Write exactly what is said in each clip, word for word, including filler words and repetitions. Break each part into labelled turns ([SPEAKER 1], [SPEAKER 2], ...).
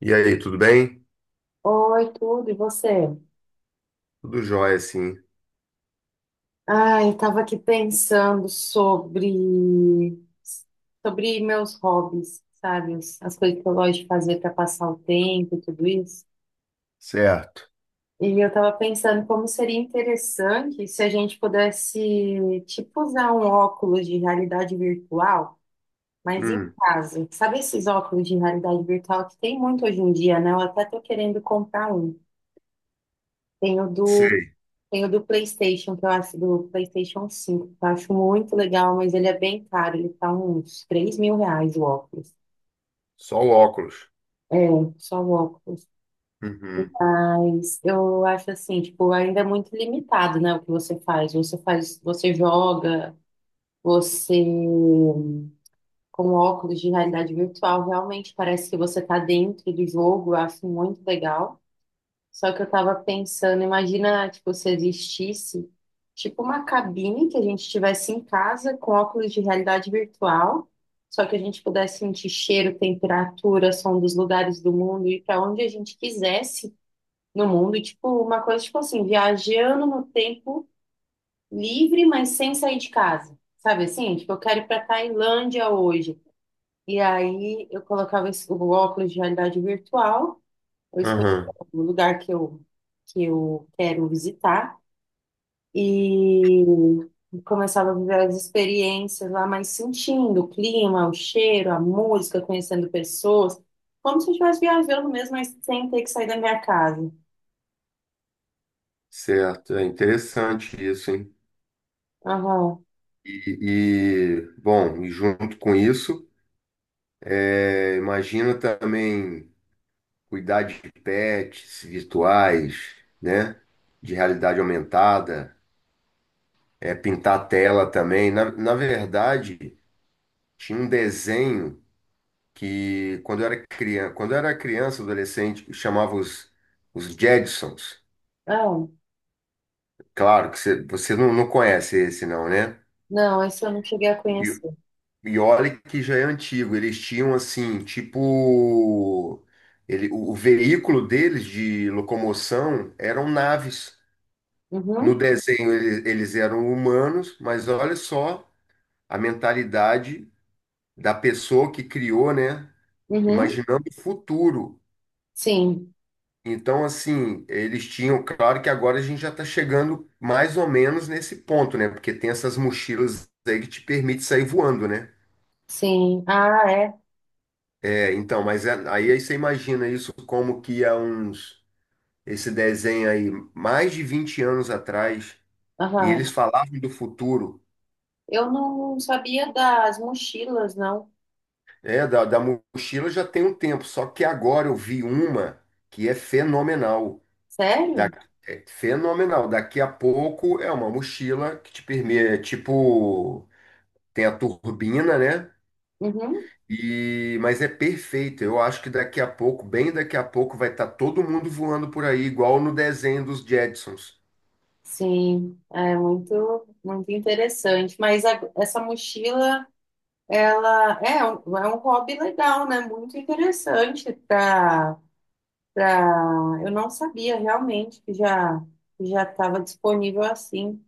[SPEAKER 1] E aí, tudo bem?
[SPEAKER 2] Oi, tudo, e você?
[SPEAKER 1] Tudo jóia, sim.
[SPEAKER 2] Ai, eu tava aqui pensando sobre sobre meus hobbies, sabe? As as coisas que eu gosto de fazer para passar o tempo e tudo isso.
[SPEAKER 1] Certo.
[SPEAKER 2] E eu tava pensando como seria interessante se a gente pudesse, tipo, usar um óculos de realidade virtual, mas em
[SPEAKER 1] Hum,
[SPEAKER 2] casa. Sabe esses óculos de realidade virtual que tem muito hoje em dia, né? Eu até tô querendo comprar um. Tem o do
[SPEAKER 1] sei.
[SPEAKER 2] Tem o do PlayStation, que eu acho, do PlayStation cinco, que eu acho muito legal, mas ele é bem caro, ele tá uns três mil reais o óculos.
[SPEAKER 1] Só o óculos.
[SPEAKER 2] É, só o óculos.
[SPEAKER 1] Uhum.
[SPEAKER 2] Mas eu acho assim, tipo, ainda é muito limitado, né, o que você faz. Você faz, você joga, você com óculos de realidade virtual, realmente parece que você tá dentro do jogo, eu acho muito legal. Só que eu tava pensando, imagina, tipo, se existisse, tipo, uma cabine que a gente tivesse em casa com óculos de realidade virtual, só que a gente pudesse sentir cheiro, temperatura, som dos lugares do mundo e para onde a gente quisesse no mundo, e, tipo, uma coisa, tipo assim, viajando no tempo livre, mas sem sair de casa. Sabe assim? Tipo, eu quero ir para Tailândia hoje. E aí eu colocava esse- o óculos de realidade virtual. Eu escolhi
[SPEAKER 1] Aham.
[SPEAKER 2] o lugar que eu, que eu quero visitar e começava a viver as experiências lá, mas sentindo o clima, o cheiro, a música, conhecendo pessoas, como se eu estivesse viajando mesmo, mas sem ter que sair da minha casa.
[SPEAKER 1] Certo. É interessante isso, hein?
[SPEAKER 2] Aham.
[SPEAKER 1] E, e, bom, e junto com isso, é, imagina também cuidar de pets virtuais, né? De realidade aumentada, é pintar a tela também. Na, na verdade, tinha um desenho. Que quando eu era criança, quando eu era criança, adolescente, chamava os, os Jetsons.
[SPEAKER 2] Ah,
[SPEAKER 1] Claro que você, você não, não conhece esse não, né?
[SPEAKER 2] não, esse eu não cheguei a
[SPEAKER 1] E,
[SPEAKER 2] conhecer.
[SPEAKER 1] e olha que já é antigo. Eles tinham assim, tipo, ele, o, o veículo deles de locomoção eram naves. No
[SPEAKER 2] Uhum,
[SPEAKER 1] desenho eles, eles eram humanos, mas olha só a mentalidade da pessoa que criou, né?
[SPEAKER 2] uhum,
[SPEAKER 1] Imaginando o futuro.
[SPEAKER 2] sim,
[SPEAKER 1] Então, assim, eles tinham, claro que agora a gente já está chegando mais ou menos nesse ponto, né? Porque tem essas mochilas aí que te permite sair voando, né?
[SPEAKER 2] sim. Ah, é.
[SPEAKER 1] É, então, mas é- aí, aí você imagina isso como que há uns, esse desenho aí, mais de vinte anos atrás, e
[SPEAKER 2] Aham.
[SPEAKER 1] eles falavam do futuro,
[SPEAKER 2] Eu não sabia das mochilas, não.
[SPEAKER 1] é, da, da mochila já tem um tempo, só que agora eu vi uma que é fenomenal. Da,
[SPEAKER 2] Sério?
[SPEAKER 1] é fenomenal. Daqui a pouco é uma mochila que te permite, é tipo. Tem a turbina, né?
[SPEAKER 2] Uhum.
[SPEAKER 1] E, mas é perfeito. Eu acho que daqui a pouco, bem daqui a pouco, vai estar todo mundo voando por aí, igual no desenho dos Jetsons.
[SPEAKER 2] Sim, é muito, muito interessante. Mas a- essa mochila, ela é um, é um hobby legal, né? Muito interessante para para eu não sabia realmente que já que já estava disponível assim,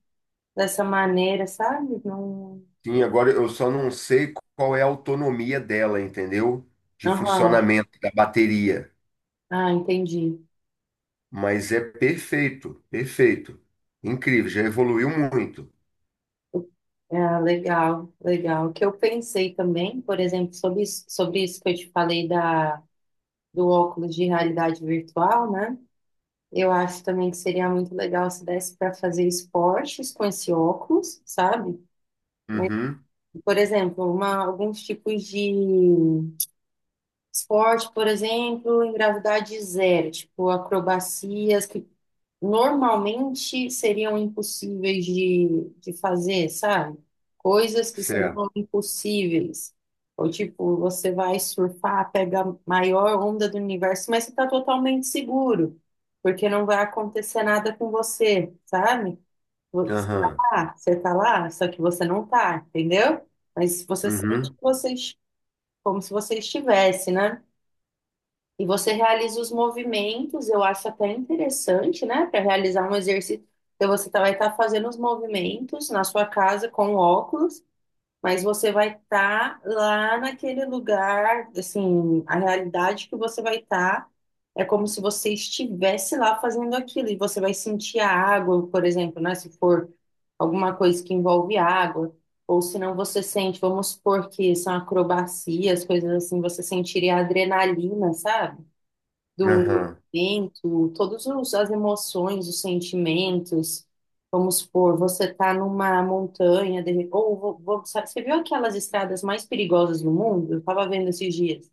[SPEAKER 2] dessa maneira, sabe? Não,
[SPEAKER 1] Sim, agora eu só não sei qual é a autonomia dela, entendeu? De
[SPEAKER 2] aham.
[SPEAKER 1] funcionamento da bateria.
[SPEAKER 2] Ah, entendi.
[SPEAKER 1] Mas é perfeito, perfeito. Incrível, já evoluiu muito.
[SPEAKER 2] É, legal, legal. O que eu pensei também, por exemplo, sobre, isso- sobre isso que eu te falei da, do óculos de realidade virtual, né? Eu acho também que seria muito legal se desse para fazer esportes com esse óculos, sabe?
[SPEAKER 1] Uhum,
[SPEAKER 2] Por exemplo, uma, alguns tipos de esporte, por exemplo, em gravidade zero, tipo acrobacias que normalmente seriam impossíveis de, de fazer, sabe? Coisas que
[SPEAKER 1] certo.
[SPEAKER 2] seriam impossíveis. Ou tipo, você vai surfar, pega a maior onda do universo, mas você está totalmente seguro, porque não vai acontecer nada com você, sabe? Você tá
[SPEAKER 1] Aham,
[SPEAKER 2] lá, você tá lá, só que você não tá, entendeu? Mas você sente
[SPEAKER 1] uhum,
[SPEAKER 2] que você, est- como se você estivesse, né? E você realiza os movimentos, eu acho até interessante, né? Para realizar um exercício, então você tá- vai estar fazendo os movimentos na sua casa com óculos, mas você vai estar lá naquele lugar, assim, a realidade que você vai estar é como se você estivesse lá fazendo aquilo, e você vai sentir a água, por exemplo, né? Se for alguma coisa que envolve água, ou se não você sente, vamos supor que são acrobacias, coisas assim, você sentiria a adrenalina, sabe? Do
[SPEAKER 1] aham.
[SPEAKER 2] momento, todas as emoções, os sentimentos. Vamos supor, você está numa montanha, de- re- ou vo- vo- sabe, você viu aquelas estradas mais perigosas do mundo? Eu estava vendo esses dias.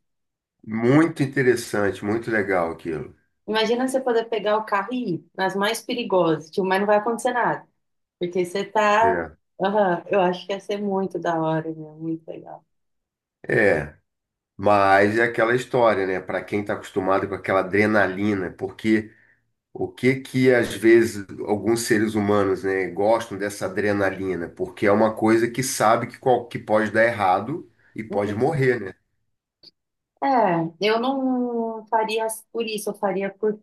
[SPEAKER 1] Muito interessante, muito legal aquilo.
[SPEAKER 2] Imagina você poder pegar o carro e ir nas mais perigosas, tipo, mas não vai acontecer nada, porque você está.
[SPEAKER 1] Certo.
[SPEAKER 2] Aham, eu acho que ia ser muito da hora, meu, muito legal.
[SPEAKER 1] É. Mas é aquela história, né? Para quem está acostumado com aquela adrenalina, porque o que que às vezes alguns seres humanos, né, gostam dessa adrenalina? Porque é uma coisa que sabe que, qual, que pode dar errado e pode
[SPEAKER 2] Uhum.
[SPEAKER 1] morrer, né?
[SPEAKER 2] É, eu não faria por isso, eu faria por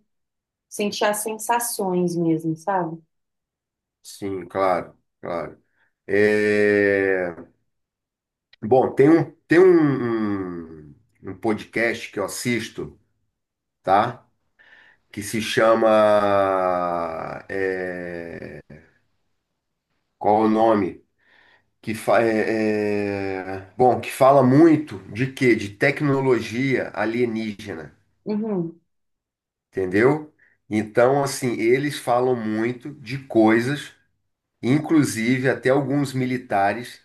[SPEAKER 2] sentir as sensações mesmo, sabe?
[SPEAKER 1] Sim, claro, claro. É, bom, tem um, tem um, um, um podcast que eu assisto, tá? Que se chama. é, Qual é o nome? Que fa é, é- Bom, que fala muito de quê? De tecnologia alienígena,
[SPEAKER 2] Uhum.
[SPEAKER 1] entendeu? Então, assim, eles falam muito de coisas, inclusive até alguns militares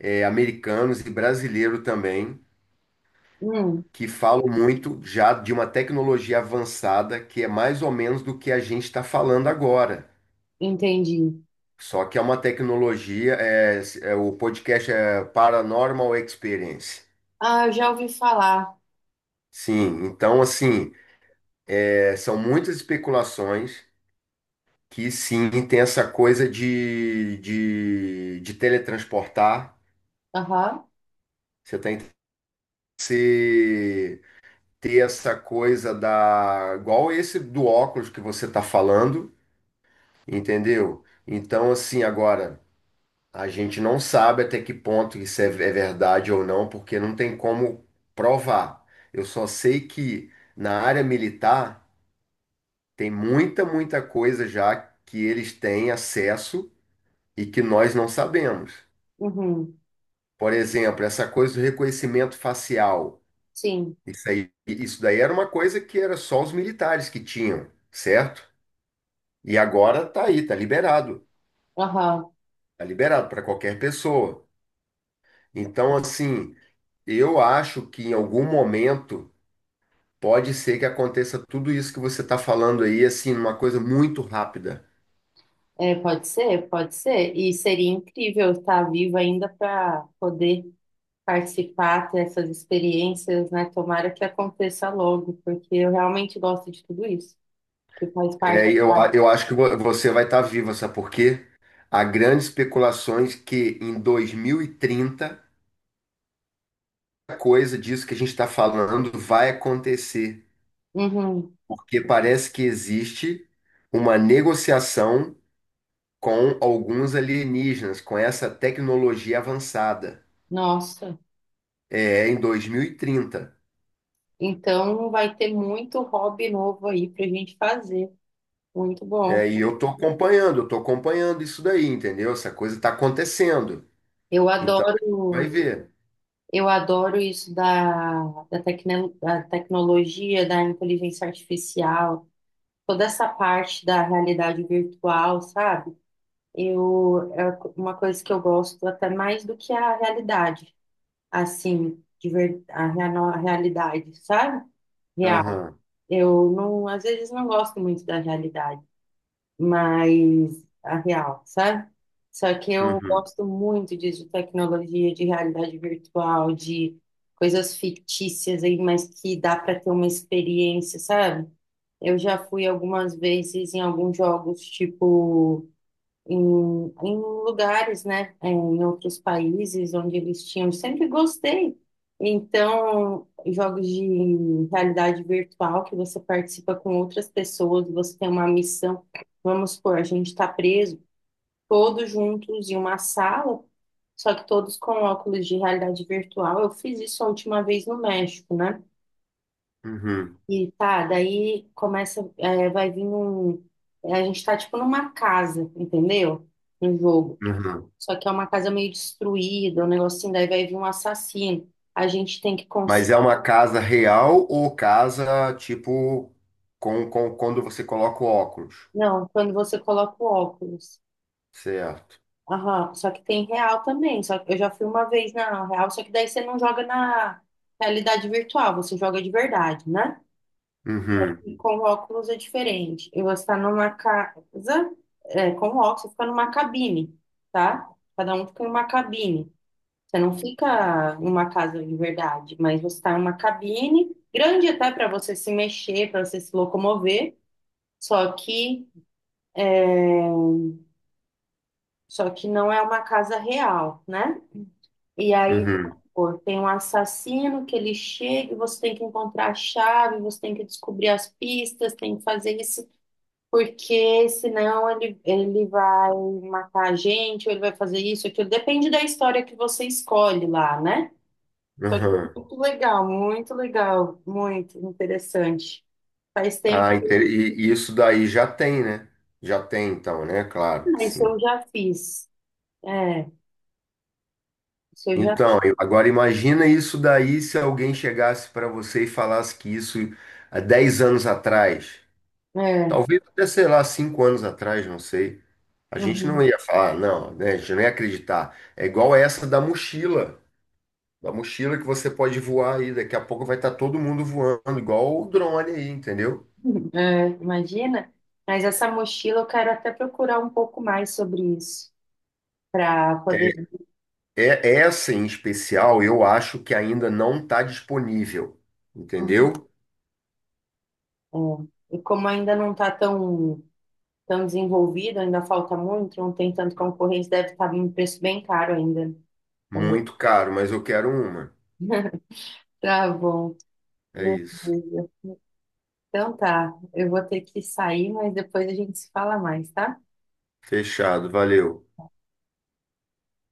[SPEAKER 1] é, americanos e brasileiros também,
[SPEAKER 2] Uhum.
[SPEAKER 1] que falam muito já de uma tecnologia avançada que é mais ou menos do que a gente está falando agora.
[SPEAKER 2] Entendi.
[SPEAKER 1] Só que é uma tecnologia, é, é, o podcast é Paranormal Experience.
[SPEAKER 2] Ah, eu já ouvi falar.
[SPEAKER 1] Sim, então assim. É, são muitas especulações que sim tem essa coisa de, de, de teletransportar.
[SPEAKER 2] Aham.
[SPEAKER 1] Você tem que se- ter essa coisa da. Igual esse do óculos que você está falando, entendeu? Então, assim, agora, a gente não sabe até que ponto isso é, é verdade ou não, porque não tem como provar. Eu só sei que na área militar tem muita, muita coisa já que eles têm acesso e que nós não sabemos.
[SPEAKER 2] Uhum.
[SPEAKER 1] Por exemplo, essa coisa do reconhecimento facial.
[SPEAKER 2] Sim.
[SPEAKER 1] Isso aí, isso daí era uma coisa que era só os militares que tinham, certo? E agora tá aí, tá liberado.
[SPEAKER 2] Aham.
[SPEAKER 1] Tá liberado para qualquer pessoa. Então, assim, eu acho que em algum momento pode ser que aconteça tudo isso que você está falando aí, assim, uma coisa muito rápida.
[SPEAKER 2] É, pode ser, pode ser. E seria incrível estar viva ainda para poder participar, ter essas experiências, né? Tomara que aconteça logo, porque eu realmente gosto de tudo isso, que faz parte.
[SPEAKER 1] É, eu, a- eu acho que vo- você vai estar viva, sabe por quê? Há grandes especulações que em dois mil e trinta coisa disso que a gente está falando vai acontecer,
[SPEAKER 2] Uhum.
[SPEAKER 1] porque parece que existe uma negociação com alguns alienígenas, com essa tecnologia avançada,
[SPEAKER 2] Nossa.
[SPEAKER 1] é, em dois mil e trinta.
[SPEAKER 2] Então vai ter muito hobby novo aí pra gente fazer. Muito bom.
[SPEAKER 1] É, e eu estou acompanhando, eu estou acompanhando isso daí, entendeu? Essa coisa está acontecendo.
[SPEAKER 2] Eu
[SPEAKER 1] Então, a gente vai
[SPEAKER 2] adoro.
[SPEAKER 1] ver.
[SPEAKER 2] Eu adoro isso da, da, tecno- da tecnologia, da inteligência artificial, toda essa parte da realidade virtual, sabe? Eu, é uma coisa que eu gosto até mais do que a realidade, assim, de ver, a, rea- a realidade, sabe? Real.
[SPEAKER 1] Aham,
[SPEAKER 2] Eu não, às vezes não gosto muito da realidade mais a real, sabe? Só que eu
[SPEAKER 1] uhum,
[SPEAKER 2] gosto muito disso, de tecnologia, de realidade virtual, de coisas fictícias aí, mas que dá para ter uma experiência, sabe? Eu já fui algumas vezes em alguns jogos, tipo em, em lugares, né, eh, em outros países onde eles tinham. Sempre gostei. Então, jogos de realidade virtual que você participa com outras pessoas, você tem uma missão. Vamos supor, a gente está preso todos juntos em uma sala, só que todos com óculos de realidade virtual. Eu fiz isso a última vez no México, né?
[SPEAKER 1] uhum,
[SPEAKER 2] E tá, daí começa, eh, vai vir um. A gente tá tipo numa casa, entendeu? No jogo.
[SPEAKER 1] uhum.
[SPEAKER 2] Só que é uma casa meio destruída, um negocinho, daí vai vir um assassino. A gente tem que
[SPEAKER 1] Mas
[SPEAKER 2] conseguir.
[SPEAKER 1] é uma casa real ou casa, tipo, com, com, quando você coloca o óculos?
[SPEAKER 2] Não, quando você coloca o óculos.
[SPEAKER 1] Certo.
[SPEAKER 2] Aham, só que tem real também. Só que eu já fui uma vez na real, só que daí você não joga na realidade virtual, você joga de verdade, né?
[SPEAKER 1] Uhum,
[SPEAKER 2] E com óculos é diferente. E você está numa casa, é, com óculos, você fica numa cabine, tá? Cada um fica em uma cabine. Você não fica em uma casa de verdade, mas você está em uma cabine grande até para você se mexer, para você se locomover, só que só que não é uma casa real, né? E aí,
[SPEAKER 1] uhum,
[SPEAKER 2] pô, tem um assassino que ele chega e você tem que encontrar a chave, você tem que descobrir as pistas, tem que fazer isso, porque senão ele, ele vai matar a gente, ou ele vai fazer isso, aquilo. Depende da história que você escolhe lá, né? Só que é
[SPEAKER 1] uhum.
[SPEAKER 2] muito legal, muito legal, muito interessante. Faz tempo,
[SPEAKER 1] Ah, inter- e, e isso daí já tem, né? Já tem, então, né? Claro que
[SPEAKER 2] mas isso
[SPEAKER 1] sim.
[SPEAKER 2] eu já fiz. É, isso eu já.
[SPEAKER 1] Então, eu- agora imagina isso daí se alguém chegasse para você e falasse que isso há dez anos atrás,
[SPEAKER 2] É,
[SPEAKER 1] talvez até, sei lá, cinco anos atrás, não sei. A gente não
[SPEAKER 2] uhum,
[SPEAKER 1] ia falar, não, né? A gente não ia acreditar. É igual essa da mochila, da mochila que você pode voar aí, daqui a pouco vai estar todo mundo voando, igual o drone aí, entendeu?
[SPEAKER 2] é, imagina. Mas essa mochila eu quero até procurar um pouco mais sobre isso, para poder.
[SPEAKER 1] É, é, essa em especial, eu acho que ainda não está disponível,
[SPEAKER 2] Uhum,
[SPEAKER 1] entendeu?
[SPEAKER 2] é. E como ainda não está tão, tão desenvolvido, ainda falta muito, não tem tanto concorrência, deve estar um preço bem caro ainda também.
[SPEAKER 1] Muito caro, mas eu quero uma.
[SPEAKER 2] Tá bom.
[SPEAKER 1] É isso.
[SPEAKER 2] Beleza. Então tá, eu vou ter que sair, mas depois a gente se fala mais, tá?
[SPEAKER 1] Fechado, valeu.